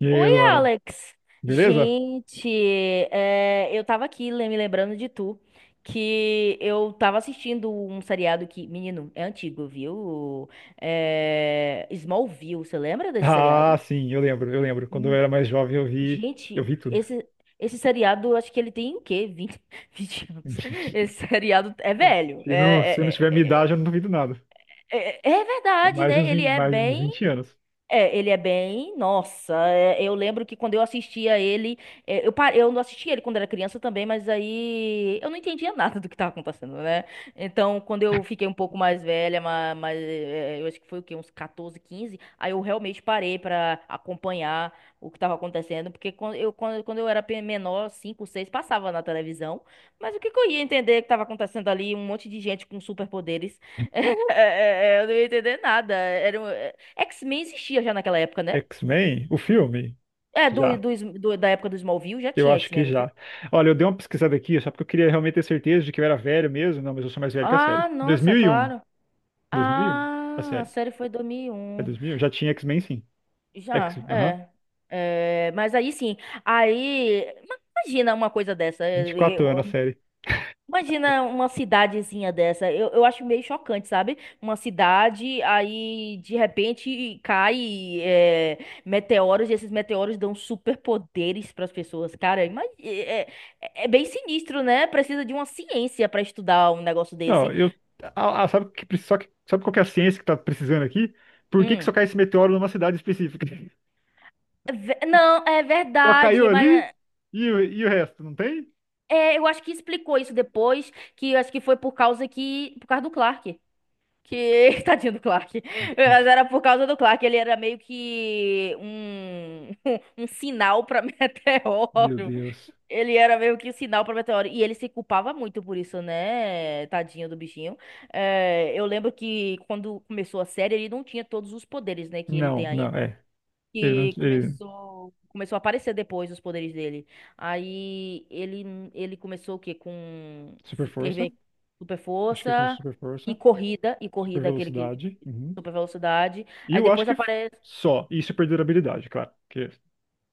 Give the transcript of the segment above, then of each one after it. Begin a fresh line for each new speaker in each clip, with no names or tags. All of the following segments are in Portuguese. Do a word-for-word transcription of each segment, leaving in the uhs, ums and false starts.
E aí,
Oi,
Luana,
Alex.
beleza?
Gente, é, eu tava aqui le- me lembrando de tu, que eu tava assistindo um seriado que, menino, é antigo, viu? É, Smallville, você lembra desse
Ah,
seriado?
sim, eu lembro, eu lembro. Quando eu
Hum,
era mais jovem, eu vi, eu
Gente,
vi tudo.
esse, esse seriado, eu acho que ele tem o quê? Vinte vinte anos. Esse seriado é velho.
Se não, se eu não tiver minha
É, é,
idade, eu não duvido nada.
é, é- é- é
É
verdade,
mais de
né?
uns,
Ele
vin-
é
mais de uns
bem
vinte anos.
é, ele é bem. Nossa, é, eu lembro que quando eu assistia ele. É, eu, pa- eu não assistia ele quando era criança também, mas aí eu não entendia nada do que estava acontecendo, né? Então, quando eu fiquei um pouco mais velha, mas, é, eu acho que foi o quê? Uns catorze, quinze, aí eu realmente parei pra acompanhar o que estava acontecendo, porque quando eu, quando, quando eu era pe- menor, cinco, seis, passava na televisão, mas o que que eu ia entender que estava acontecendo ali? Um monte de gente com superpoderes. É, é, é, eu não ia entender nada. Era, um, X Men existia já naquela época, né?
X-Men, o filme?
É, do,
Já.
do, Sm- do- da época do Smallville já
Eu
tinha
acho que
X Men, não tinha?
já. Olha, eu dei uma pesquisada aqui, só porque eu queria realmente ter certeza de que eu era velho mesmo. Não, mas eu sou mais velho que a série.
Ah, nossa,
dois mil e um.
claro.
dois mil e um? A
Ah, a
série.
série foi dois mil e
É
um.
dois mil e um? Já tinha X-Men, sim. X,
Já,
aham.
é. É, mas aí sim, aí ma- imagina uma coisa dessa.
vinte e quatro anos a série.
Imagina uma cidadezinha dessa. Eu, eu acho meio chocante, sabe? Uma cidade, aí de repente cai é, meteoros, e esses meteoros dão superpoderes para as pessoas. Cara, ima- é, é- é bem sinistro, né? Precisa de uma ciência para estudar um negócio
Não,
desse.
eu. Ah, ah, sabe que, pre- só que, sabe qual que é a ciência que tá precisando aqui? Por que que
Hum.
só cai esse meteoro numa cidade específica?
É ve- Não, é
Só caiu
verdade, mas
ali
eh,
e, o- e o resto, não tem?
é, eu acho que explicou isso depois, que eu acho que foi por causa que, por causa do Clark. Que, tadinho do Clark. Mas era por causa do Clark, ele era meio que um, um sinal pra
Meu
meteoro.
Deus.
Ele era meio que um sinal pra meteoro. E ele se culpava muito por isso, né? Tadinho do bichinho. É, eu lembro que quando começou a série, ele não tinha todos os poderes, né? Que ele
Não,
tem
não,
ainda,
é. Ele não.
que
Ele...
começou começou a aparecer depois os poderes dele. Aí ele ele começou o quê? Com
Super
vi- ter
força.
ve- super
Acho que ele começou
força
super
e
força.
corrida e
Super
corrida, aquele que
velocidade. Uhum.
super velocidade.
E
Aí
eu acho
depois
que
aparece,
só. E super durabilidade, claro. Que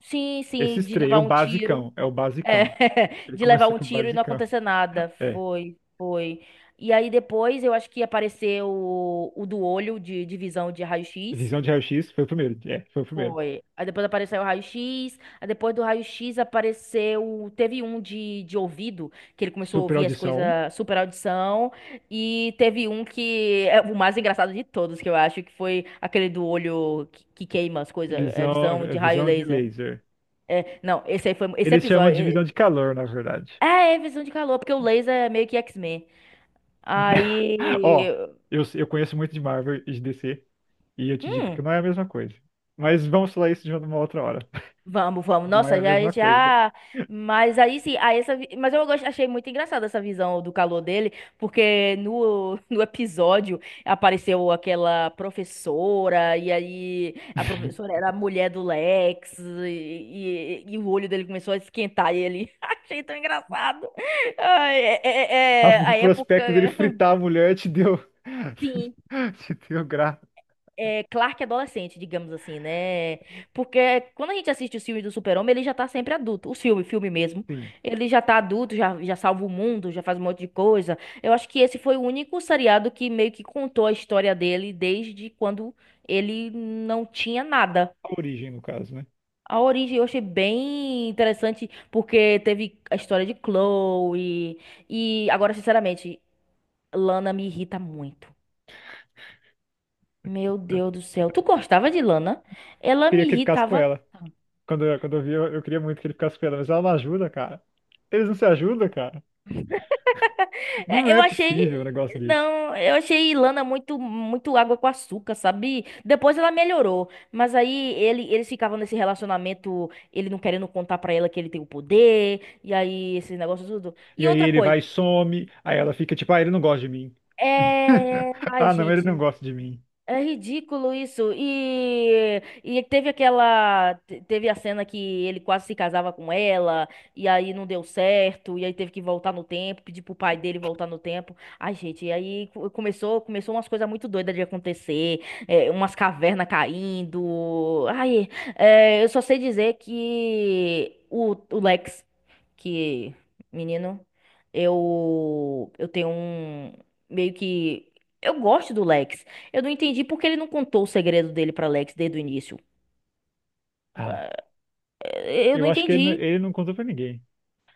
sim, sim,
esses
de
três,
levar
o
um tiro.
basicão, é o
É,
basicão. Ele
de levar
começou
um
com o
tiro e não
basicão.
acontecer nada.
É.
Foi, foi. E aí depois eu acho que apareceu o, o do olho de, de visão de raio x.
Visão de raio-x foi o primeiro. É, foi o primeiro.
Foi. Aí depois apareceu o raio x. Aí depois do raio x apareceu. Teve um de, de ouvido, que ele começou a
Super
ouvir as
audição.
coisas, super audição. E teve um que é o mais engraçado de todos, que eu acho, que foi aquele do olho que, que queima as coisas, é,
Visão,
visão
é
de raio
visão de
laser.
laser.
É, não, esse aí foi. Esse
Eles chamam
episódio.
de
É,
visão de calor, na verdade.
é é visão de calor, porque o laser é meio que X Men.
Ó,
Aí.
eu, eu conheço muito de Marvel e de D C, e eu te digo
Hum.
que não é a mesma coisa. Mas vamos falar isso de uma outra hora.
Vamos, vamos.
Não
Nossa,
é a
já,
mesma coisa.
já. Mas aí sim, aí essa... vi- mas eu gost- achei muito engraçada essa visão do calor dele, porque no, no episódio apareceu aquela professora, e aí a professora era a mulher do Lex, e, e, e o olho dele começou a esquentar e ele. Achei tão engraçado. Ai, é,
A-
é- é
O
a época.
prospecto dele fritar a mulher te deu.
Sim.
Te deu graça.
É, Clark adolescente, digamos assim, né? Porque quando a gente assiste os filmes do Super-Homem, ele já tá sempre adulto. O filme, filme mesmo.
Sim.
Ele já tá adulto, já, já salva o mundo, já faz um monte de coisa. Eu acho que esse foi o único seriado que meio que contou a história dele desde quando ele não tinha nada.
A origem, no caso, né?
A origem eu achei bem interessante, porque teve a história de Chloe. E agora, sinceramente, Lana me irrita muito. Meu Deus do céu. Tu gostava de Lana? Ela
Queria
me
que ele ficasse com
irritava.
ela. Quando, eu- quando eu vi, eu, eu queria muito que ele ficasse com ela, mas ela não ajuda, cara. Eles não se ajudam, cara. Não
É, Eu
é possível um
achei.
negócio desse.
Não, eu achei Ilana muito, muito água com açúcar, sabe? Depois ela melhorou, mas aí ele, eles ficavam nesse relacionamento, ele não querendo contar pra ela que ele tem o poder, e aí esse negócio tudo. E
E aí
outra
ele
coisa,
vai e some, aí ela fica tipo, ah, ele não gosta de mim.
é... Ai,
Ah, não, ele não
gente,
gosta de mim.
é ridículo isso. E, e teve aquela. te- Teve a cena que ele quase se casava com ela, e aí não deu certo, e aí teve que voltar no tempo, pedir pro pai dele voltar no tempo. Ai, gente, e aí co- começou, começou umas coisas muito doidas de acontecer, é, umas cavernas caindo. Ai, é, eu só sei dizer que o, o Lex que, menino, eu eu tenho um meio que eu gosto do Lex. Eu não entendi porque ele não contou o segredo dele pra Lex desde o início.
Ah,
Eh, Eu não
eu acho que ele, não-
entendi.
ele não contou pra ninguém.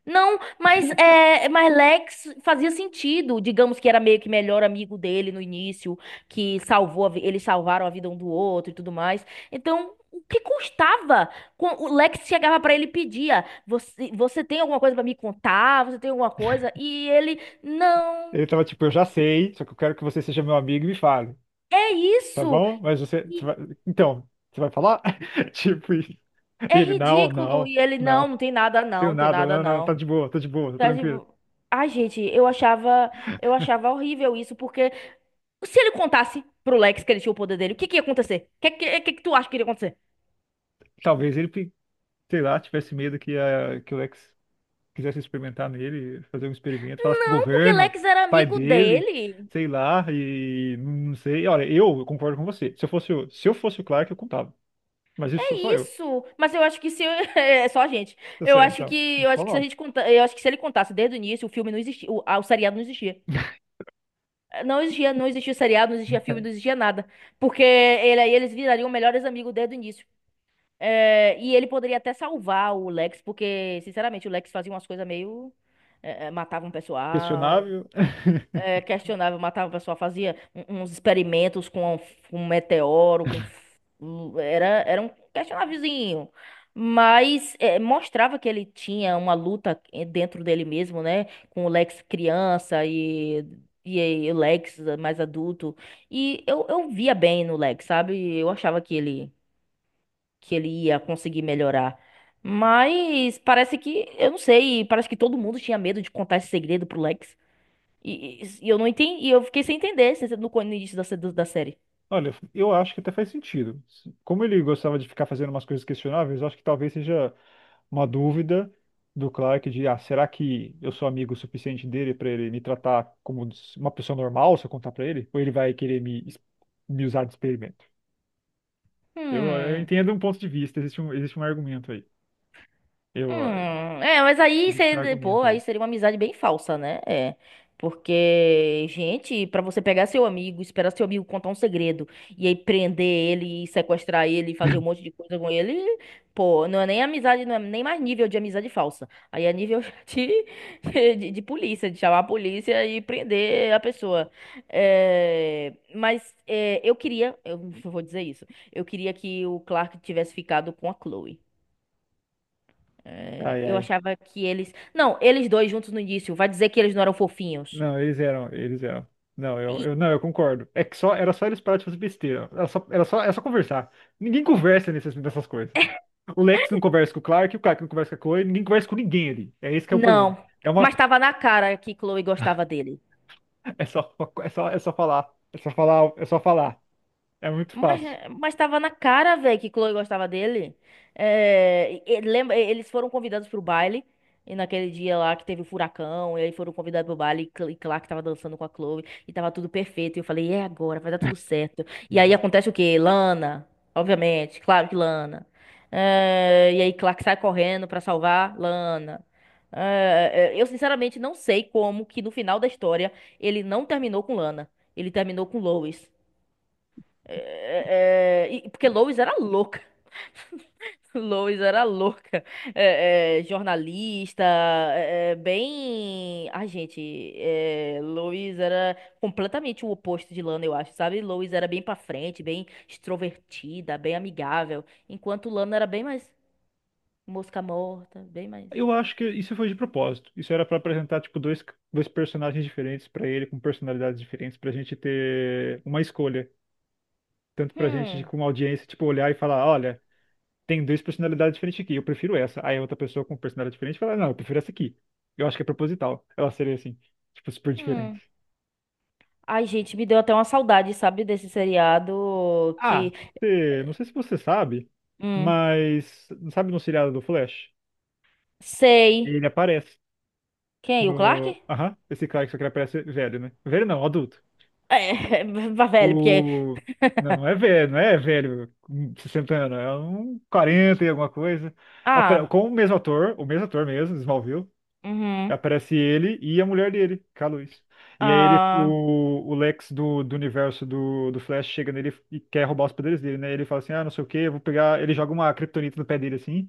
Não, mas, é, mas Lex fazia sentido. Digamos que era meio que melhor amigo dele no início, que salvou, a vi- eles salvaram a vida um do outro e tudo mais. Então, o que custava? Quan- O Lex chegava pra ele e pedia: Você, você tem alguma coisa pra me contar? Você tem alguma coisa? E ele: Não,
Ele tava tipo, eu já sei, só que eu quero que você seja meu amigo e me fale,
é
tá
isso.
bom? Mas você, você
E
vai- então, você vai falar? Tipo isso. E
é
ele, não,
ridículo.
não,
E ele: Não,
não,
não tem nada, não,
eu
não tem
nada,
nada,
não, não, tá
não.
de boa, tá de boa, tá
Tá,
tranquilo.
tipo, ai, gente, eu achava, eu achava horrível isso, porque. Se ele contasse pro Lex que ele tinha o poder dele, o que que ia acontecer? O que, que, que que tu acha que iria acontecer?
Talvez ele, pe- sei lá, tivesse medo que, a, que o Lex quisesse experimentar nele, fazer um experimento, falasse pro
Não, porque
governo,
Lex era
pai
amigo
dele,
dele.
sei lá, e não sei. Olha, eu concordo com você. Se eu fosse, o- se eu fosse o Clark, eu contava. Mas isso sou
É
só eu.
isso. Mas eu acho que se eu- é só a gente.
Eu
Eu
sei,
acho
então.
que eu
Vamos
acho que se a
falar.
gente conta, eu acho que se ele contasse desde o início, o filme não existia, o, ah, o seriado não existia. Não existia, não existia seriado, não existia filme, não existia nada. Porque ele aí eles virariam melhores amigos desde o início. É, e ele poderia até salvar o Lex, porque, sinceramente, o Lex fazia umas coisas meio. É, é, matava um pessoal.
Questionável.
É, questionável, matava o pessoal, fazia um- uns experimentos com, um meteoro, com f- um- era, era um questionávelzinho. Mas é, mostrava que ele tinha uma luta eh, dentro dele mesmo, né? Com o Lex criança e, e aí o Lex mais adulto. E eu, eu via bem no Lex, sabe? Eu achava que ele, que ele ia conseguir melhorar. Mas parece que, eu não sei, parece que todo mundo tinha medo de contar esse segredo pro Lex. E, e- e eu não entendi, e eu fiquei sem entender se- no, co- no início da, se- do- da série.
Olha, eu acho que até faz sentido. Como ele gostava de ficar fazendo umas coisas questionáveis, eu acho que talvez seja uma dúvida do Clark de, ah, será que eu sou amigo o suficiente dele para ele me tratar como uma pessoa normal se eu contar para ele? Ou ele vai querer me, es- me usar de experimento? Eu, eu
Hum.
entendo um ponto de vista, existe um, existe um argumento aí. Eu,
Hum, é, mas aí
Existe um
seria, pô,
argumento
aí
aí.
seria uma amizade bem falsa, né? É. Porque, gente, pra você pegar seu amigo, esperar seu amigo contar um segredo e aí prender ele, e sequestrar ele, e fazer um monte de coisa com ele, pô, não é nem amizade, não é nem mais nível de amizade falsa. Aí é nível de, de, de polícia, de chamar a polícia e prender a pessoa. É, mas é, eu queria, eu vou dizer isso, eu queria que o Clark tivesse ficado com a Chloe. É,
Ai,
eu
ai.
achava que eles. Não, eles dois juntos no início. Vai dizer que eles não eram fofinhos.
Não, eles eram, eles eram. Não, eu,
E-
eu, não, eu concordo. É que só, era só eles pararem de fazer besteira. Era só, era só, era só conversar. Ninguém conversa nessas, nessas coisas. O Lex não conversa com o Clark, o Clark não conversa com a Chloe, ninguém conversa com ninguém ali. É esse que é o problema.
Não.
É uma,
Mas tava na cara que Chloe gostava dele.
é só, é só, é só falar. É só falar, é só falar. É muito
Mas,
fácil.
mas tava na cara, velho, que Chloe gostava dele. É, e- e- lembra, e- eles foram convidados pro baile. E naquele dia lá que teve o furacão, e aí foram convidados pro baile, e Cl- e Clark tava dançando com a Chloe, e tava tudo perfeito. E eu falei, é agora, vai dar tudo certo. E aí
Uhum.
acontece o quê? Lana, obviamente, claro que Lana. É, e aí Clark sai correndo pra salvar Lana. É, é, eu sinceramente não sei como que no final da história ele não terminou com Lana, ele terminou com Lois. É, é, e- porque Lois era louca. Lois era louca. É, é, jornalista, é, é, bem. Ai, gente, é, Lois era completamente o oposto de Lana, eu acho, sabe? Lois era bem pra frente, bem extrovertida, bem amigável. Enquanto Lana era bem mais mosca morta, bem mais.
Eu acho que isso foi de propósito. Isso era pra apresentar tipo dois, dois personagens diferentes pra ele, com personalidades diferentes, pra gente ter uma escolha, tanto pra gente de-
Hum,
como audiência, tipo olhar e falar, olha, tem duas personalidades diferentes aqui, eu prefiro essa. Aí outra pessoa com personalidade diferente fala, não, eu prefiro essa aqui. Eu acho que é proposital. Ela seria assim, tipo super diferente.
hum. Ai, gente, me deu até uma saudade, sabe, desse seriado
Ah,
que.
você- não sei se você sabe,
Hum,
mas sabe no seriado do Flash?
sei.
Ele aparece.
Quem? O Clark?
No... Aham, esse cara que só que ele parece velho, né? Velho não, adulto.
É, vá velho, porque
O... Não, não é velho, não é velho com sessenta anos, é um quarenta e alguma coisa. Apare-
ah,
Com o mesmo ator, o mesmo ator mesmo, Smallville,
uhum.
aparece ele e a mulher dele, que é a Lois. E aí ele,
Ah,
o, o Lex do, do universo do, do Flash chega nele e quer roubar os poderes dele, né? Ele fala assim, ah, não sei o que eu vou pegar... Ele joga uma kryptonita no pé dele, assim.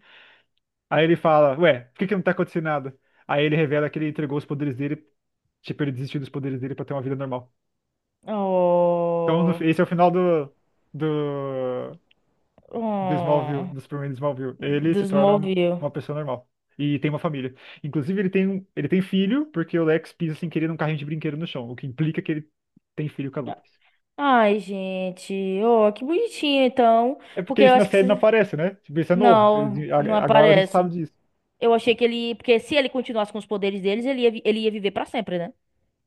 Aí ele fala, ué, por que que não tá acontecendo nada? Aí ele revela que ele entregou os poderes dele, tipo, ele desistiu dos poderes dele pra ter uma vida normal. Então, no-
oh,
esse é o final do, do, do Smallville,
oh,
do Superman de Smallville. Ele se torna uma
desmoviu.
uma pessoa normal. E tem uma família. Inclusive, ele tem, um- ele tem filho, porque o Lex pisa sem querer num carrinho de brinquedo no chão, o que implica que ele tem filho com a Lois.
Ai, gente, oh, que bonitinho então,
É porque
porque eu
isso na
acho que
série não
se-
aparece, né? Tipo, isso é novo.
não,
Eles-
não
a- agora a gente sabe
aparece.
disso.
Eu achei que ele, porque se ele continuasse com os poderes deles, ele ia, vi- ele ia viver pra sempre, né?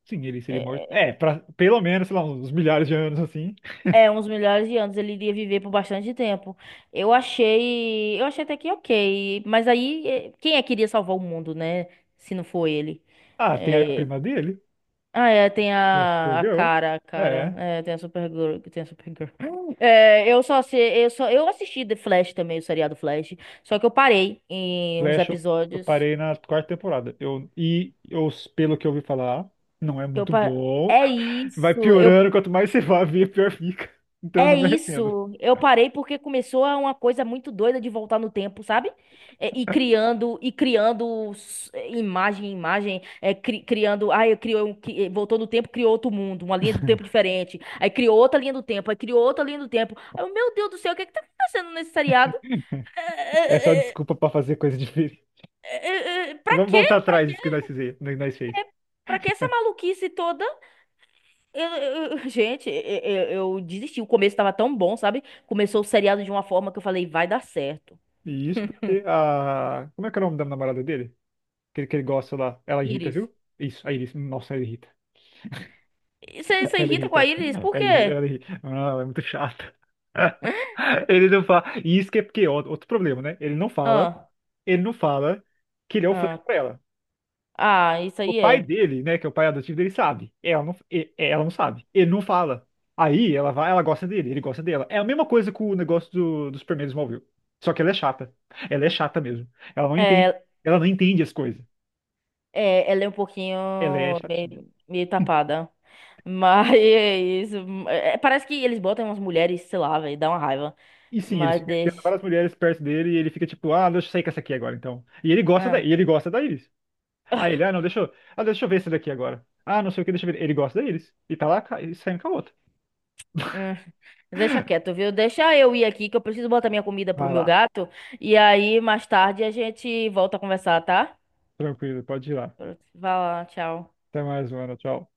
Sim, ele seria morto.
É,
É, pra, pelo menos, sei lá, uns milhares de anos assim.
é, uns milhares de anos ele iria viver por bastante tempo. Eu achei, eu achei até que ok, mas aí eh, quem é que iria salvar o mundo, né? Se não for ele.
Ah, tem a
É,
prima dele?
ah, é, tem
Tem a
a, a
Supergirl.
cara, a cara.
É.
É, tem a Supergirl, que tem a Supergirl. É, eu só sei, eu só, eu assisti The Flash também, o seriado Flash, só que eu parei em uns
Flash, eu, eu
episódios.
parei na quarta temporada. Eu, e eu, pelo que eu ouvi falar, não é
Eu
muito
pa-
bom.
É
Vai
isso, eu
piorando, quanto mais você vai ver, pior fica. Então eu
é
não me arrependo.
isso. Eu parei porque começou a uma coisa muito doida de voltar no tempo, sabe? É, E, criando, e criando s- é, imagem, imagem, é, cri- criando, ai, eu criou, um cri- eh, voltou no tempo, criou outro mundo, uma linha do tempo diferente. Aí criou outra linha do tempo, aí criou outra linha do tempo. Aí eu, meu Deus do céu, o que é que tá acontecendo nesse seriado?
É só
É, é, é,
desculpa pra fazer coisa difícil.
é, é, é, Pra
Vamos
quê?
voltar
Pra,
atrás disso que nós fizemos, que nós fez.
pra que essa maluquice toda? Eu- eu- eu- gente, eu, eu eu desisti. O começo tava tão bom, sabe? Começou o seriado de uma forma que eu falei, vai dar certo.
E isso porque a. Como é que é o nome da namorada dele? Que, ele- que ele gosta lá. Ela irrita,
Íris.
viu? Isso, a Iris. Nossa, ela irrita.
Você se
Ela é
irrita com a
irrita.
Iris? Por
Ela irrita.
quê?
Ela irrita. Ah, ela é muito chata. Ele não fala. E isso que é porque, ó, outro problema, né? Ele não fala,
Ah,
ele não fala que ele é o Flash
ah,
pra ela.
ah, isso
O
aí
pai
é.
dele, né, que é o pai adotivo dele, sabe. Ela não, e- ela não sabe. Ele não fala. Aí ela vai, ela gosta dele, ele gosta dela. É a mesma coisa com o negócio do, do Superman do Smallville. Só que ela é chata. Ela é chata mesmo. Ela não entende,
É,
ela não entende as coisas.
é, ela é um pouquinho
Ela é chatinha.
meio, meio tapada. Mas é isso. É, parece que eles botam umas mulheres, sei lá, velho, dá uma raiva.
E sim, ele
Mas
fica enfiando
deixa.
várias mulheres perto dele e ele fica tipo, ah, deixa eu sair com essa aqui agora, então. E ele gosta da,
É.
e ele gosta da Iris.
Ah,
Aí ele, ah, não, deixa eu, ah, deixa eu ver essa daqui agora. Ah, não sei o que, deixa eu ver. Ele gosta da Iris. E tá lá ca- e saindo com a outra.
hum. Deixa quieto, viu? Deixa eu ir aqui que eu preciso botar minha comida pro
Vai
meu
lá,
gato. E aí, mais tarde, a gente volta a conversar, tá?
tranquilo, pode ir lá.
Vai lá, tchau.
Até mais, mano, tchau.